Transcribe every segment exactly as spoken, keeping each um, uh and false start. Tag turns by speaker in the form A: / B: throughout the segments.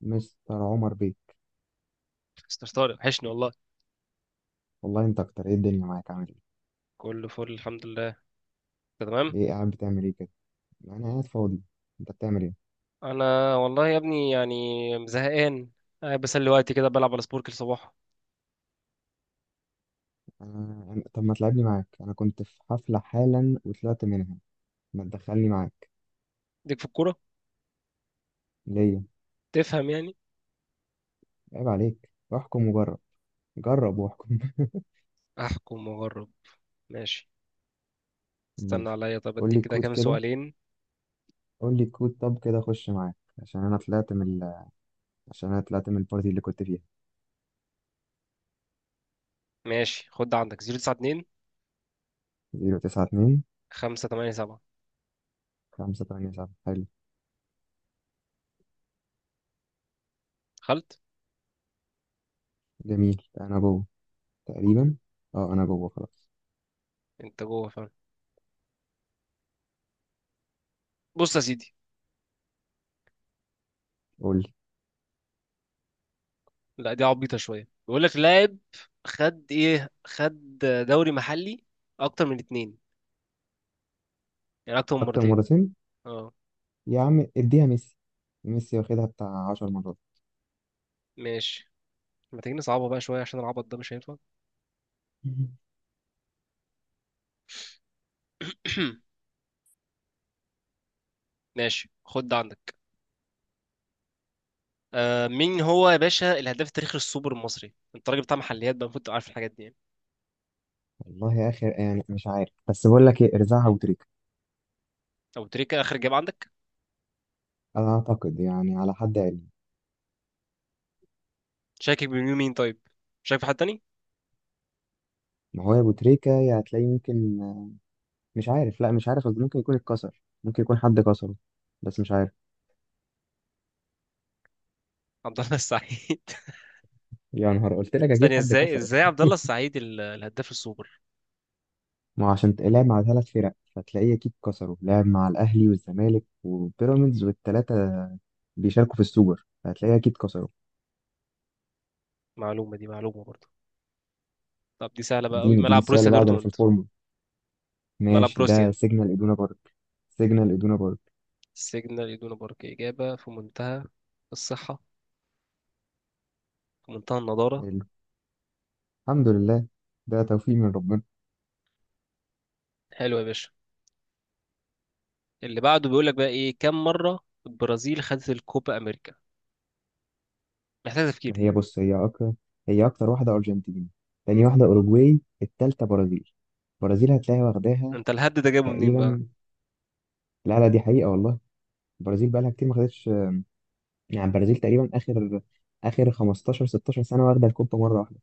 A: مستر عمر بيه.
B: مستر طارق وحشني والله.
A: والله انت اكتر. ايه الدنيا معاك، عامل ايه؟
B: كله فل الحمد لله. أنت تمام؟
A: ايه، قاعد بتعمل ايه كده؟ انا قاعد فاضي. انت بتعمل ايه؟
B: انا والله يا ابني يعني زهقان. قاعد بسلي وقتي كده بلعب على سبورك الصباح.
A: انا أنا- طب ما تلعبني معاك، انا كنت في حفلة حالا وطلعت منها. ما تدخلني معاك
B: ديك في الكوره.
A: ليه؟
B: تفهم يعني.
A: عيب عليك. احكم وجرب، جرب واحكم.
B: احكم واجرب. ماشي. استنى
A: ماشي.
B: عليا، طب
A: قول لي
B: اديك كده
A: الكود
B: كام
A: كده.
B: سؤالين.
A: قول لي الكود، طب كده اخش معاك، عشان انا طلعت من ال... عشان انا طلعت من البارتي اللي كنت فيها.
B: ماشي خد ده عندك صفر تسعة اتنين
A: صفر تسعة اتنين.
B: خمسة تمنية سبعة.
A: خمسة تمانية سبعة. حلو.
B: دخلت.
A: جميل، انا جوه تقريبا. اه، انا جوه خلاص.
B: انت جوه فعلا. بص يا سيدي.
A: قول لي.
B: لا دي عبيطه شويه بيقول لك لاعب. خد ايه خد. دوري محلي. اكتر من اتنين. يعني اكتر من
A: اكتر
B: مرتين.
A: مرتين.
B: اه.
A: يا عم، اديها ميسي. ميسي واخدها بتاع عشر مرات.
B: ماشي. ما تيجي نصعبها بقى شوية، عشان العبط ده مش هينفع. ماشي خد ده عندك. آه مين هو يا باشا الهداف التاريخي للسوبر المصري؟ انت راجل بتاع محليات بقى، المفروض تبقى عارف الحاجات دي يعني.
A: والله يا اخي يعني مش عارف، بس بقول لك ايه، ارزعها ابو تريكه.
B: ابو تريكة اخر جاب عندك؟
A: انا اعتقد يعني على حد علمي.
B: شاكك بمين مين طيب. شاكك في حد تاني؟
A: ما هو يا ابو تريكه، يا هتلاقي ممكن، مش عارف. لا مش عارف، قصدي ممكن يكون اتكسر، ممكن يكون حد كسره، بس مش عارف.
B: عبد الله السعيد.
A: يا نهار، قلت لك اكيد
B: ثانية،
A: حد
B: ازاي
A: كسره.
B: ازاي عبد الله السعيد ال- الهداف السوبر؟
A: ما هو عشان تلعب مع ثلاث فرق فتلاقيه اكيد كسره. لعب مع الاهلي والزمالك وبيراميدز والثلاثه بيشاركوا في السوبر، فهتلاقيه اكيد كسره.
B: معلومة دي معلومة برضه. طب دي سهلة بقى قوي،
A: اديني اديني
B: ملعب
A: السؤال اللي
B: بروسيا
A: بعده، انا في
B: دورتموند.
A: الفورمه.
B: ملعب
A: ماشي، ده
B: بروسيا
A: سيجنال ادونا بارك. سيجنال ادونا بارك.
B: سيجنال إدونا بارك. إجابة في منتهى الصحة، في منتهى النضارة.
A: حلو. الحمد لله، ده توفيق من ربنا.
B: حلو يا باشا. اللي بعده بيقول لك بقى ايه، كم مره البرازيل خدت الكوبا امريكا. محتاج تفكير
A: ما
B: دي.
A: هي بص، هي اكتر. هي اكتر واحده ارجنتين، تاني واحده اوروجواي، التالتة برازيل. برازيل هتلاقيها واخداها
B: انت الهد ده جابه منين بقى؟
A: تقريبا. لا لا، دي حقيقه والله. البرازيل بقى لها كتير ما خدتش. يعني البرازيل تقريبا اخر اخر خمستاشر ستاشر سنه واخده الكوبا مره واحده.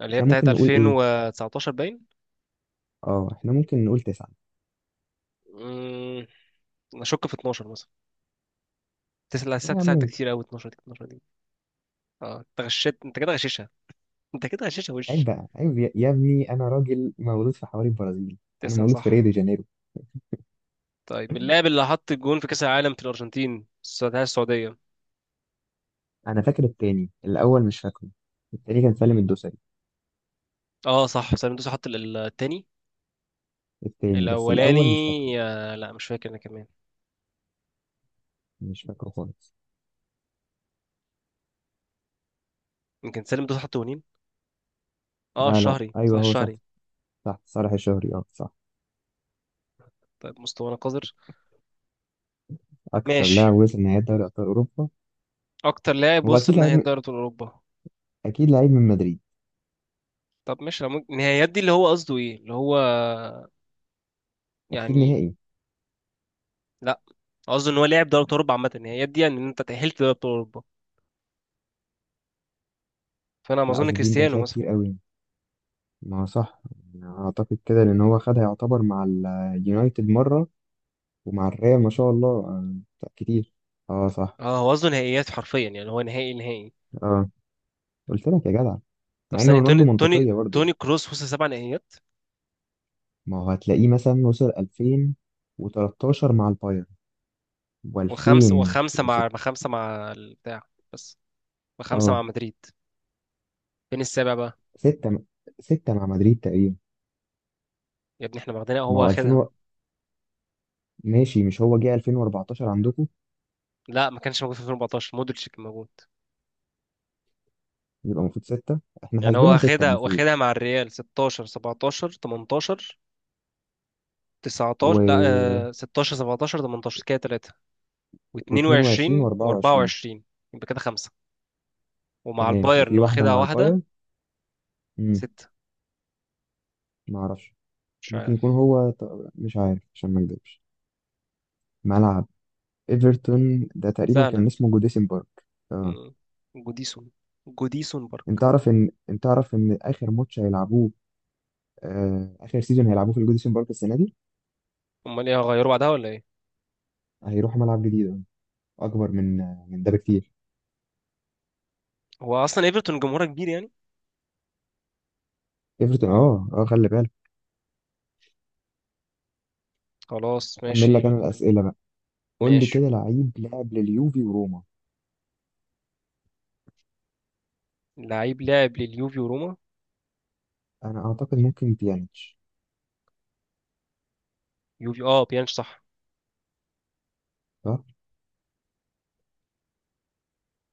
B: اللي هي
A: احنا
B: بتاعت
A: ممكن نقول ايه؟
B: ألفين وتسعتاشر باين.
A: اه، احنا ممكن نقول تسعه.
B: امم انا اشك في اثنا عشر مثلا. تسعة، الساعة
A: لا،
B: تسعة ده
A: ممكن.
B: كتير قوي، اتناشر دي اتناشر دي. اه انت غشيت، انت كده غشيشها. انت كده غشيشها
A: عيب
B: وش.
A: بقى، عيب يا يا ابني، انا راجل مولود في حواري البرازيل، انا
B: تسعة
A: مولود في
B: صح.
A: ريو دي جانيرو.
B: طيب اللاعب اللي حط الجون في كأس العالم في الأرجنتين، السعودية السعودية.
A: انا فاكر التاني، الاول مش فاكره. التاني كان سالم الدوسري.
B: اه صح، سالم دوسري حط ال- التاني.
A: التاني بس
B: الأولاني؟
A: الاول مش فاكره.
B: آه لا مش فاكر أنا كمان.
A: مش فاكره خالص.
B: يمكن سالم دوسري حط جونين. اه
A: لا لا،
B: الشهري صح
A: ايوه هو صح.
B: الشهري.
A: صح، صالح الشهري، اه صح.
B: طيب مستوانا قذر.
A: اكتر
B: ماشي.
A: لاعب وصل نهائي دوري ابطال اوروبا.
B: اكتر لاعب
A: هو اكيد
B: وصل
A: لعيب
B: نهائي
A: من-
B: دوري ابطال اوروبا.
A: اكيد لعيب من مدريد.
B: طب ماشي، لو ممكن النهائيات دي اللي هو قصده ايه اللي هو
A: اكيد
B: يعني.
A: نهائي.
B: لا قصده ان هو لاعب دوري ابطال اوروبا عامه، النهائيات دي يعني ان انت تاهلت دوري ابطال اوروبا. فانا ما
A: لا،
B: اظن
A: قصدي دي انت
B: كريستيانو
A: هتلاقي
B: مثلا.
A: كتير قوي. ما هو صح. أنا اعتقد كده، لان هو خدها يعتبر مع اليونايتد مره، ومع الريال ما شاء الله، آه، كتير. اه صح.
B: اه هو قصده نهائيات حرفيا، يعني هو نهائي نهائي.
A: اه، قلت لك يا جدع.
B: طب
A: مع ان
B: ثانيه،
A: رونالدو
B: توني توني
A: منطقيه برضه.
B: توني كروس وصل سبع نهائيات.
A: ما هو هتلاقيه مثلا وصل ألفين وثلاثة عشر مع البايرن
B: وخمسه
A: و2006.
B: وخمسه مع خمسه مع البتاع. بس. وخمسه مع
A: اه،
B: مدريد. فين السابع بقى؟
A: ستة، ستة مع مدريد تقريبا.
B: يا ابني احنا واخدينها هو
A: ما هو ألفين
B: واخدها.
A: و... ماشي، مش هو جه ألفين واربعة عشر عندكم؟
B: لا ما كانش موجود في ألفين وأربعتاشر، مودريتش كان موجود.
A: يبقى المفروض ستة، احنا
B: يعني هو
A: حاسبينها ستة
B: واخدها
A: المفروض.
B: واخدها مع الريال ستاشر سبعتاشر تمنتاشر. تسعة عشر لا.
A: و...
B: آه، ستاشر سبعتاشر تمنتاشر كده تلاتة.
A: و22
B: و22
A: و24.
B: و24. يبقى كده خمسة. ومع
A: تمام،
B: البايرن
A: وفي واحدة
B: واخدها
A: مع
B: واحدة.
A: البايرن. امم
B: ستة.
A: ما اعرفش.
B: مش
A: ممكن يكون
B: عارف.
A: هو ط- مش عارف عشان ما اكذبش. ملعب ايفرتون ده تقريبا كان
B: سهلة.
A: اسمه جوديسن بارك. اه.
B: مم. جوديسون جوديسون
A: انت
B: بارك.
A: تعرف ان انت تعرف ان اخر ماتش هيلعبوه، آه، اخر سيزون هيلعبوه في الجوديسون بارك السنه دي.
B: امال ايه، هغيره بعدها ولا ايه؟
A: هيروحوا ملعب جديد اكبر من من ده بكتير.
B: هو اصلا ايفرتون جمهورها كبير يعني.
A: ايفرتون، اه اه، خلي بالك.
B: خلاص
A: اكمل لك
B: ماشي.
A: انا الاسئله بقى. قول لي
B: ماشي.
A: كده، لعيب لعب لليوفي وروما.
B: لعيب لاعب لليوفي وروما.
A: انا اعتقد ممكن بيانيتش.
B: يوفي، اه بيانش صح.
A: صح.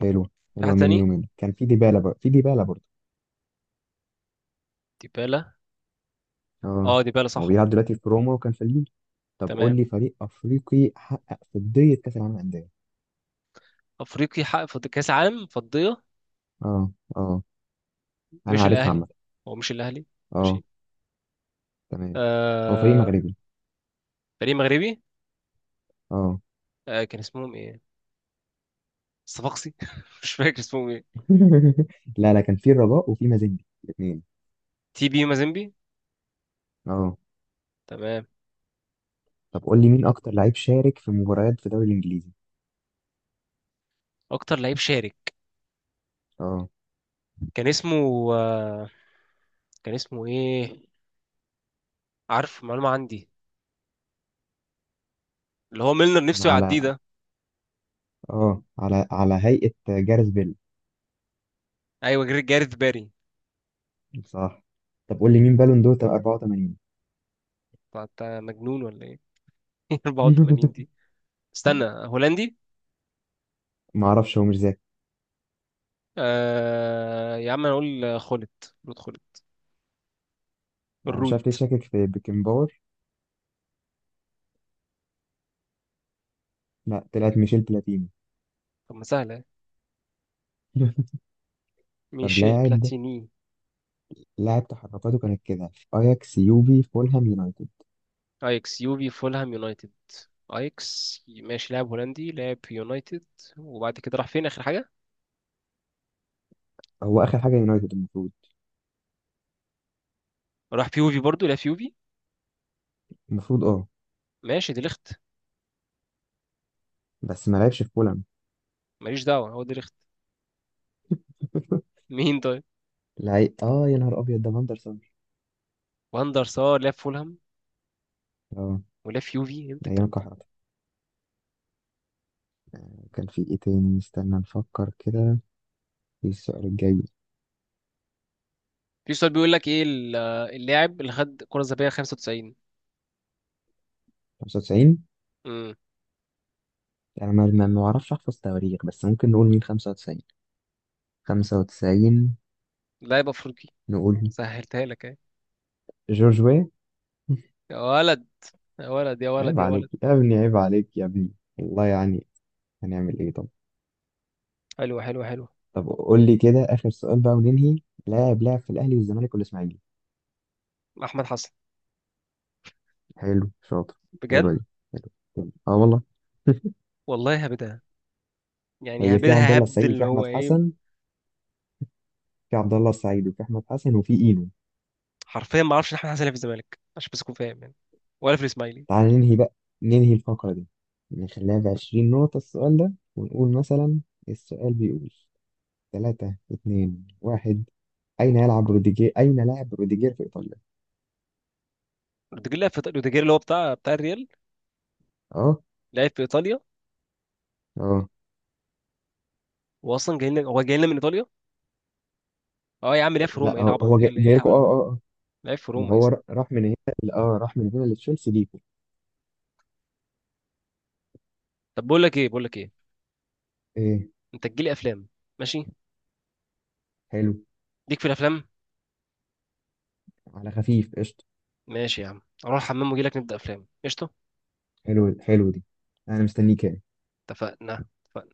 A: حلوه.
B: في حد
A: حلوه، من
B: تاني؟
A: يومين كان في ديبالا، بقى في ديبالا برضه.
B: ديبالا.
A: اه.
B: اه ديبالا
A: هو
B: صح
A: بيلعب
B: برضه.
A: دلوقتي في روما وكان في اليوفي. طب قول
B: تمام.
A: لي فريق افريقي حقق فضيه كاس العالم للانديه.
B: افريقي حقق فض- كاس عالم فضيه.
A: اه. اه. انا
B: مش
A: عارفها
B: الاهلي.
A: عامه.
B: هو مش الاهلي.
A: اه.
B: ماشي.
A: تمام. هو فريق
B: آه.
A: مغربي.
B: فريق مغربي.
A: اه.
B: آه كان اسمهم ايه. الصفاقسي، مش فاكر اسمهم ايه.
A: لا لا، كان في الرجاء وفي مازيمبي الاثنين.
B: تي بي مازيمبي.
A: اه.
B: تمام.
A: طب قول لي مين اكتر لعيب شارك في مباريات في الدوري الانجليزي.
B: اكتر لعيب شارك.
A: اه.
B: كان اسمه. آه كان اسمه ايه. عارف معلومه عندي. اللي هو ميلنر
A: انا
B: نفسه يعديه
A: على
B: ده.
A: اه على على هيئة جاريث بيل.
B: ايوه جاري- جاريث باري.
A: صح. طب قول لي مين بالون دور اربعة وتمانين.
B: طب انت مجنون ولا ايه؟ أربعة وتمانين دي. استنى، هولندي.
A: ما اعرفش، هو مش ذاكر.
B: آه يا عم انا اقول خولت، رود خولت.
A: انا مش
B: الرود.
A: عارف ليه، شاكك في بيكنباور. لا، طلعت ميشيل بلاتيني.
B: طب ما سهله.
A: طب
B: ميشيل
A: لاعب،
B: بلاتيني.
A: لاعب تحركاته كانت كده في اياكس، يوفي، فولهام، يونايتد.
B: ايكس يوفي فولهام يونايتد. ايكس ماشي، لاعب هولندي لاعب في يونايتد. وبعد كده راح فين اخر حاجه؟
A: هو اخر حاجه يونايتد المفروض.
B: راح في يوفي برضو، لعب في يوفي.
A: المفروض اه.
B: ماشي، دي ليخت.
A: بس ما لعبش في فولهام.
B: ماليش دعوه، هو دي ليخت. مين طيب؟
A: لعيب، اه يا نهار ابيض، ده فاندرسون.
B: واندر سار لعب في فولهام.
A: اه.
B: ولعب في يوفي امتى
A: ايام
B: الكلام ده؟
A: الكحرة. كان في ايه تاني؟ استنى نفكر كده في السؤال الجاي.
B: في سؤال بيقول لك ايه ال- اللاعب اللي خد كره ذهبيه خمسة وتسعين.
A: خمسة وتسعين.
B: امم
A: انا ما ما ما اعرفش احفظ تواريخ، بس ممكن نقول مين. خمسة وتسعين. خمسة وتسعين.
B: لاعب افريقي.
A: نقول
B: سهلتها لك اهي.
A: جورج وي.
B: يا ولد. يا ولد يا ولد
A: عيب
B: يا
A: عليك
B: ولد.
A: يا ابني، عيب عليك يا ابني. والله يعني. هنعمل ايه طب؟
B: حلو حلو حلو.
A: طب قول لي كده اخر سؤال بقى وننهي. لاعب لعب في الاهلي والزمالك والاسماعيلي.
B: احمد حسن.
A: حلو، شاطر.
B: بجد.
A: حلوه دي. حلو اه، والله.
B: والله هبدها. يعني
A: هي في عبد
B: هبدها،
A: الله
B: هبد
A: السعيد وفي
B: اللي هو
A: احمد
B: ايه.
A: حسن. في عبد الله السعيد وفي احمد حسن وفي اينو.
B: حرفيا ما اعرفش إن احمد حسن لعب في الزمالك عشان بس اكون فاهم يعني. ولا في الاسماعيلي.
A: تعالى ننهي بقى، ننهي الفقرة دي. نخليها بعشرين نقطة السؤال ده، ونقول مثلا. السؤال بيقول: تلاتة، اتنين، واحد. أين يلعب روديجير؟ أين لعب روديجير في إيطاليا؟
B: روديجير لعب في إيطاليا- روديجير اللي هو بتاع بتاع الريال.
A: أه
B: لعب في ايطاليا.
A: أه.
B: واصلا جاي لنا، هو جاي لنا من ايطاليا. اه يا عم لعب في روما،
A: لا،
B: ايه
A: هو
B: العبط،
A: هو
B: ايه
A: جاي
B: ال- إيه
A: جاي لكم. أه
B: الهبل ده.
A: أه أه.
B: لعب في
A: ما
B: روما يا
A: هو
B: اسطى.
A: را- راح من هنا، ل- أه راح من هنا لتشيلسي ليكم.
B: طب بقول لك ايه بقول لك ايه.
A: إيه؟
B: انت تجيلي افلام. ماشي.
A: حلو،
B: ليك في الافلام.
A: على خفيف قشطة.
B: ماشي يا عم، اروح الحمام واجي لك نبدا افلام قشطه.
A: حلو، حلو دي. أنا مستنيك يعني.
B: اتفقنا اتفقنا.